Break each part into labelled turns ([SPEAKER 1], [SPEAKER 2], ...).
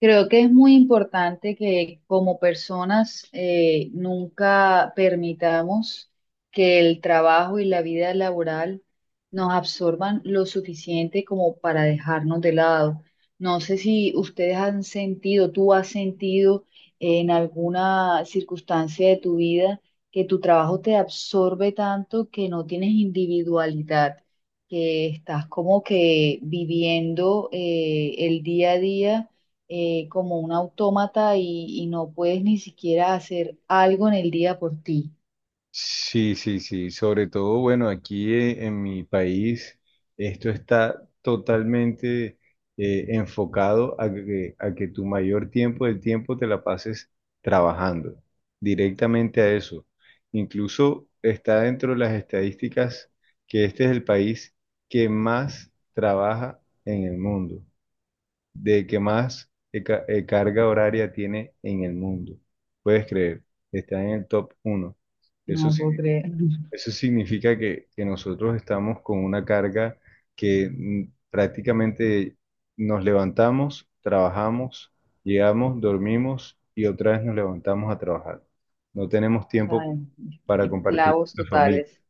[SPEAKER 1] Creo que es muy importante que como personas nunca permitamos que el trabajo y la vida laboral nos absorban lo suficiente como para dejarnos de lado. No sé si ustedes han sentido, tú has sentido en alguna circunstancia de tu vida que tu trabajo te absorbe tanto que no tienes individualidad, que estás como que viviendo el día a día como un autómata y no puedes ni siquiera hacer algo en el día por ti.
[SPEAKER 2] Sí, sí, sí. Sobre todo, bueno, aquí en mi país esto está totalmente, enfocado a que tu mayor tiempo del tiempo te la pases trabajando directamente a eso. Incluso está dentro de las estadísticas que este es el país que más trabaja en el mundo, de que más carga horaria tiene en el mundo. ¿Puedes creer? Está en el top uno. Eso
[SPEAKER 1] No puedo
[SPEAKER 2] significa
[SPEAKER 1] creer.
[SPEAKER 2] Eso significa que nosotros estamos con una carga que prácticamente nos levantamos, trabajamos, llegamos, dormimos y otra vez nos levantamos a trabajar. No tenemos
[SPEAKER 1] O sea,
[SPEAKER 2] tiempo para compartir
[SPEAKER 1] esclavos
[SPEAKER 2] con la familia.
[SPEAKER 1] totales.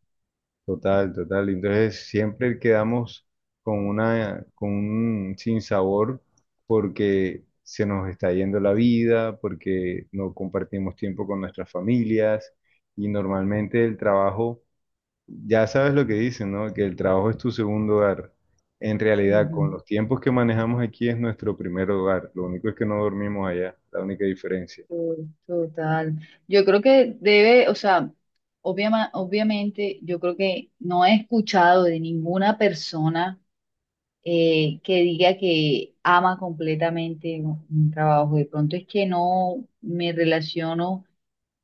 [SPEAKER 2] Total, total. Entonces siempre quedamos con un sinsabor porque se nos está yendo la vida, porque no compartimos tiempo con nuestras familias, y normalmente el trabajo, ya sabes lo que dicen, ¿no? Que el trabajo es tu segundo hogar. En realidad,
[SPEAKER 1] Ujú.
[SPEAKER 2] con los tiempos que manejamos aquí es nuestro primer hogar. Lo único es que no dormimos allá, la única diferencia.
[SPEAKER 1] To- Total. Yo creo que debe, o sea, obviamente yo creo que no he escuchado de ninguna persona que diga que ama completamente un trabajo. De pronto es que no me relaciono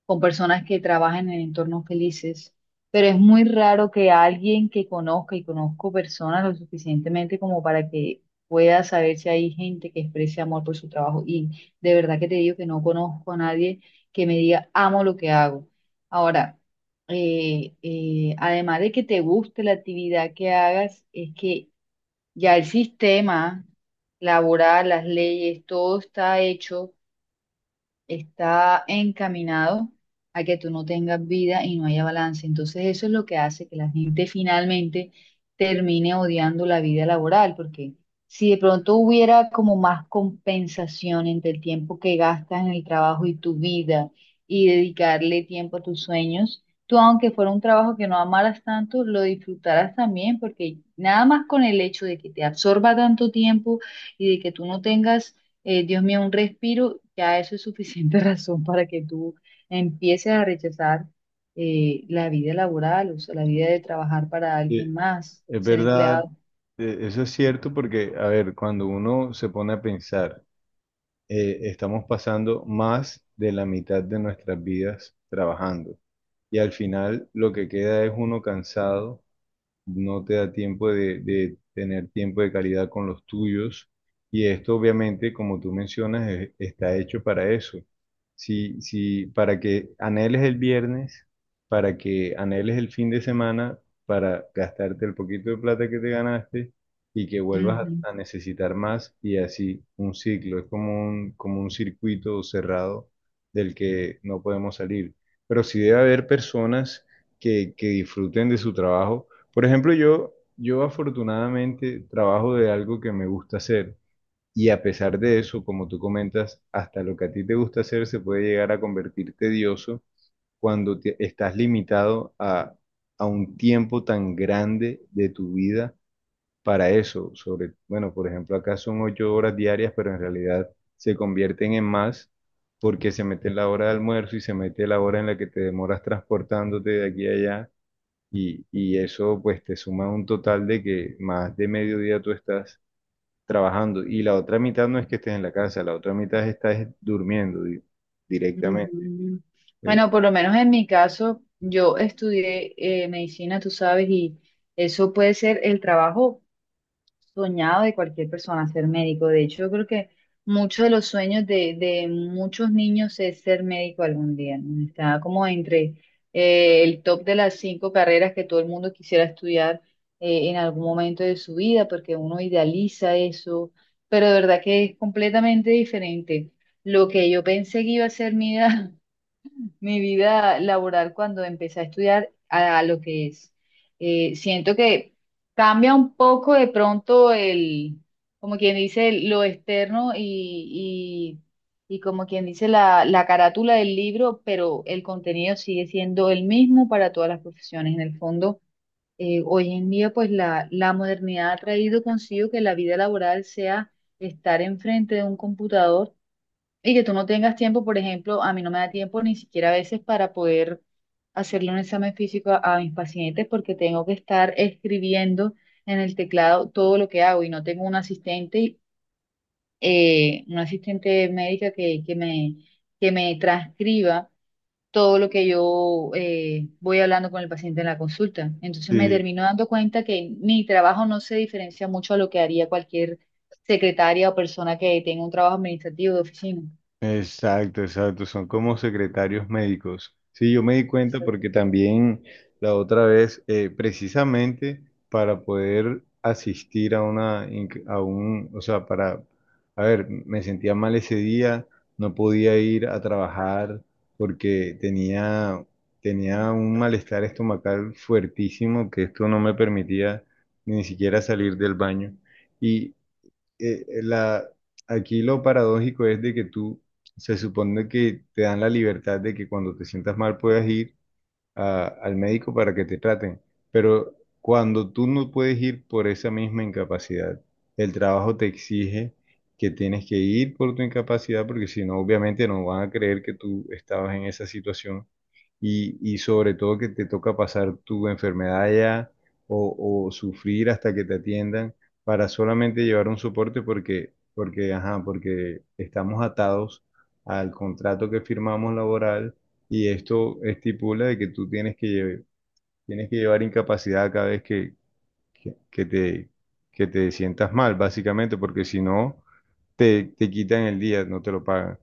[SPEAKER 1] con personas que trabajan en entornos felices, pero es muy raro que alguien que conozca y conozco personas lo suficientemente como para que pueda saber si hay gente que exprese amor por su trabajo. Y de verdad que te digo que no conozco a nadie que me diga, amo lo que hago. Ahora, además de que te guste la actividad que hagas, es que ya el sistema laboral, las leyes, todo está hecho, está encaminado a que tú no tengas vida y no haya balance. Entonces eso es lo que hace que la gente finalmente termine odiando la vida laboral, porque si de pronto hubiera como más compensación entre el tiempo que gastas en el trabajo y tu vida y dedicarle tiempo a tus sueños, tú aunque fuera un trabajo que no amaras tanto, lo disfrutarás también, porque nada más con el hecho de que te absorba tanto tiempo y de que tú no tengas, Dios mío, un respiro, ya eso es suficiente razón para que tú empieces a rechazar la vida laboral, o sea, la vida de trabajar para
[SPEAKER 2] Sí,
[SPEAKER 1] alguien más,
[SPEAKER 2] es
[SPEAKER 1] ser
[SPEAKER 2] verdad,
[SPEAKER 1] empleado.
[SPEAKER 2] eso es cierto porque, a ver, cuando uno se pone a pensar, estamos pasando más de la mitad de nuestras vidas trabajando, y al final lo que queda es uno cansado. No te da tiempo de tener tiempo de calidad con los tuyos. Y esto obviamente, como tú mencionas, está hecho para eso. Si, si, para que anheles el viernes, para que anheles el fin de semana, para gastarte el poquito de plata que te ganaste y que vuelvas a necesitar más, y así un ciclo. Es como un circuito cerrado del que no podemos salir. Pero sí debe haber personas que disfruten de su trabajo. Por ejemplo, yo afortunadamente trabajo de algo que me gusta hacer, y a pesar de eso, como tú comentas, hasta lo que a ti te gusta hacer se puede llegar a convertir tedioso cuando estás limitado a un tiempo tan grande de tu vida para eso. Sobre, bueno, por ejemplo, acá son 8 horas diarias, pero en realidad se convierten en más porque se mete la hora de almuerzo y se mete la hora en la que te demoras transportándote de aquí a allá, y eso pues te suma un total de que más de mediodía tú estás trabajando, y la otra mitad no es que estés en la casa, la otra mitad estás durmiendo directamente.
[SPEAKER 1] Ujú.
[SPEAKER 2] Eh,
[SPEAKER 1] Bueno, por lo menos en mi caso, yo estudié medicina, tú sabes, y eso puede ser el trabajo soñado de cualquier persona, ser médico. De hecho, yo creo que muchos de los sueños de muchos niños es ser médico algún día, ¿no? Está como entre el top de las cinco carreras que todo el mundo quisiera estudiar en algún momento de su vida, porque uno idealiza eso, pero de verdad que es completamente diferente. Lo que yo pensé que iba a ser mi vida, mi vida laboral cuando empecé a estudiar a lo que es. Siento que cambia un poco de pronto el, como quien dice, lo externo y como quien dice la carátula del libro, pero el contenido sigue siendo el mismo para todas las profesiones. En el fondo, hoy en día, pues la modernidad ha traído consigo que la vida laboral sea estar enfrente de un computador y que tú no tengas tiempo, por ejemplo, a mí no me da tiempo ni siquiera a veces para poder hacerle un examen físico a mis pacientes porque tengo que estar escribiendo en el teclado todo lo que hago y no tengo un asistente, una asistente médica que me transcriba todo lo que yo voy hablando con el paciente en la consulta. Entonces me
[SPEAKER 2] sí.
[SPEAKER 1] termino dando cuenta que mi trabajo no se diferencia mucho a lo que haría cualquier secretaria o persona que tenga un trabajo administrativo de oficina.
[SPEAKER 2] Exacto, exacto, son como secretarios médicos. Sí, yo me di cuenta porque también la otra vez, precisamente para poder asistir a una, a un, o sea, para, a ver, me sentía mal ese día, no podía ir a trabajar porque tenía un malestar estomacal fuertísimo que esto no me permitía ni siquiera salir del baño. eh, eh, la, Aquí lo paradójico es de que tú, se supone que te dan la libertad de que cuando te sientas mal puedas ir al médico para que te traten. Pero cuando tú no puedes ir por esa misma incapacidad, el trabajo te exige que tienes que ir por tu incapacidad porque si no, obviamente no van a creer que tú estabas en esa situación, y sobre todo que te toca pasar tu enfermedad allá, o sufrir hasta que te atiendan para solamente llevar un soporte porque, ajá, porque estamos atados al contrato que firmamos laboral, y esto estipula de que tú tienes que, tienes que llevar incapacidad cada vez que, que te, que te sientas mal, básicamente, porque si no, te quitan el día, no te lo pagan.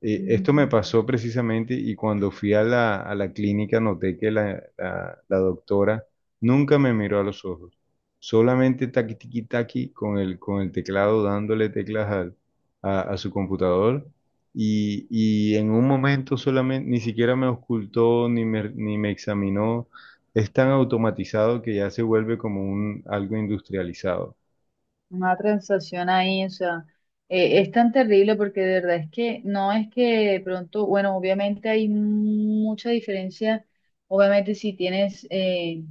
[SPEAKER 1] Mm,
[SPEAKER 2] Esto me pasó precisamente, y cuando fui a a la clínica noté que la doctora nunca me miró a los ojos, solamente taqui tiqui taqui con el teclado dándole teclas a su computador, y en un momento solamente ni siquiera me ocultó ni me examinó. Es tan automatizado que ya se vuelve como algo industrializado.
[SPEAKER 1] Una transacción ahí, o sea, es tan terrible porque de verdad es que no es que de pronto, bueno, obviamente hay mucha diferencia, obviamente si tienes eh,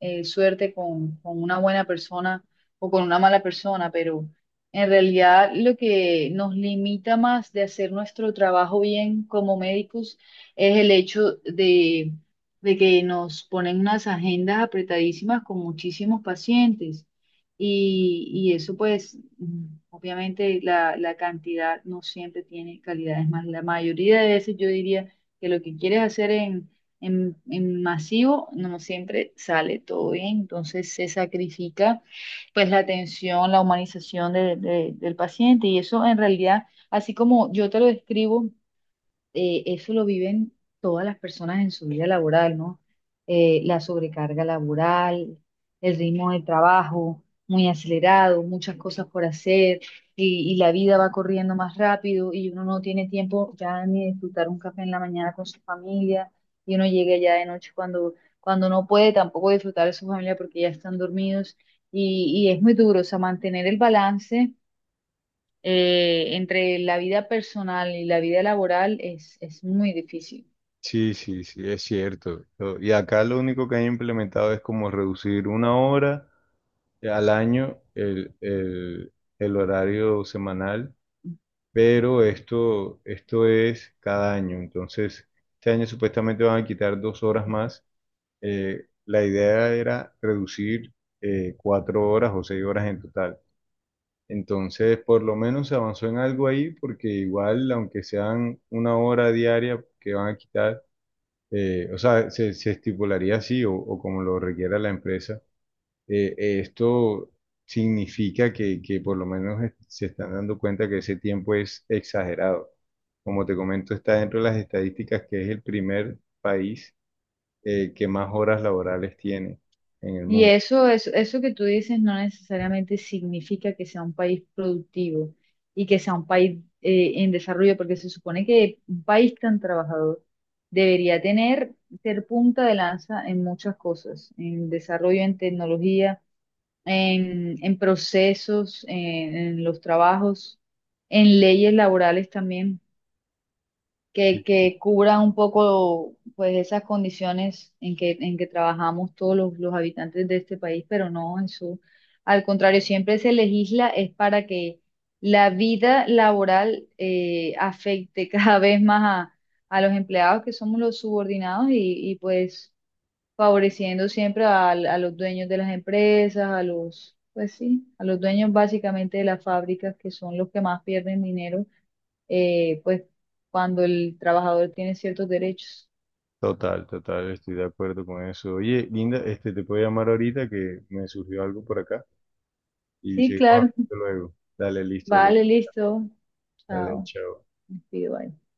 [SPEAKER 1] eh, suerte con una buena persona o con una mala persona, pero en realidad lo que nos limita más de hacer nuestro trabajo bien como médicos es el hecho de que nos ponen unas agendas apretadísimas con muchísimos pacientes. Y eso pues, mm, obviamente la cantidad no siempre tiene calidad, es más, la mayoría de veces yo diría que lo que quieres hacer en masivo no siempre sale todo bien, entonces se sacrifica pues la atención, la humanización del paciente y eso en realidad, así como yo te lo describo, eso lo viven todas las personas en su vida laboral, ¿no? La sobrecarga laboral, el ritmo de trabajo muy acelerado, muchas cosas por hacer y la vida va corriendo más rápido y uno no tiene tiempo ya ni de disfrutar un café en la mañana con su familia y uno llega ya de noche cuando, cuando no puede tampoco disfrutar de su familia porque ya están dormidos y es muy duro, o sea, mantener el balance entre la vida personal y la vida laboral es muy difícil.
[SPEAKER 2] Sí, sí, sí, es cierto. Y acá lo único que han implementado es como reducir 1 hora al año el horario semanal, pero esto es cada año. Entonces, este año supuestamente van a quitar 2 horas más. La idea era reducir 4 horas o 6 horas en total. Entonces, por lo menos se avanzó en algo ahí, porque igual, aunque sean una hora diaria que van a quitar, o sea, se estipularía así, o como lo requiera la empresa. Esto significa que por lo menos se están dando cuenta que ese tiempo es exagerado. Como te comento, está dentro de las estadísticas que es el primer país que más horas laborales tiene en el
[SPEAKER 1] Y
[SPEAKER 2] mundo.
[SPEAKER 1] eso que tú dices no necesariamente significa que sea un país productivo y que sea un país en desarrollo, porque se supone que un país tan trabajador debería tener, ser punta de lanza en muchas cosas, en desarrollo, en tecnología, en procesos, en los trabajos, en leyes laborales también,
[SPEAKER 2] Sí, sí.
[SPEAKER 1] que cubra un poco pues esas condiciones en que trabajamos todos los habitantes de este país, pero no, eso, al contrario, siempre se legisla es para que la vida laboral afecte cada vez más a los empleados que somos los subordinados pues favoreciendo siempre a los dueños de las empresas, a los, pues sí, a los dueños básicamente de las fábricas que son los que más pierden dinero, pues cuando el trabajador tiene ciertos derechos.
[SPEAKER 2] Total, total, estoy de acuerdo con eso. Oye, Linda, este, te puedo llamar ahorita que me surgió algo por acá y
[SPEAKER 1] Sí,
[SPEAKER 2] seguimos
[SPEAKER 1] claro,
[SPEAKER 2] hablando luego. Dale, listo, luego.
[SPEAKER 1] vale, listo.
[SPEAKER 2] Dale,
[SPEAKER 1] Chao.
[SPEAKER 2] chao.
[SPEAKER 1] Me despido, bye.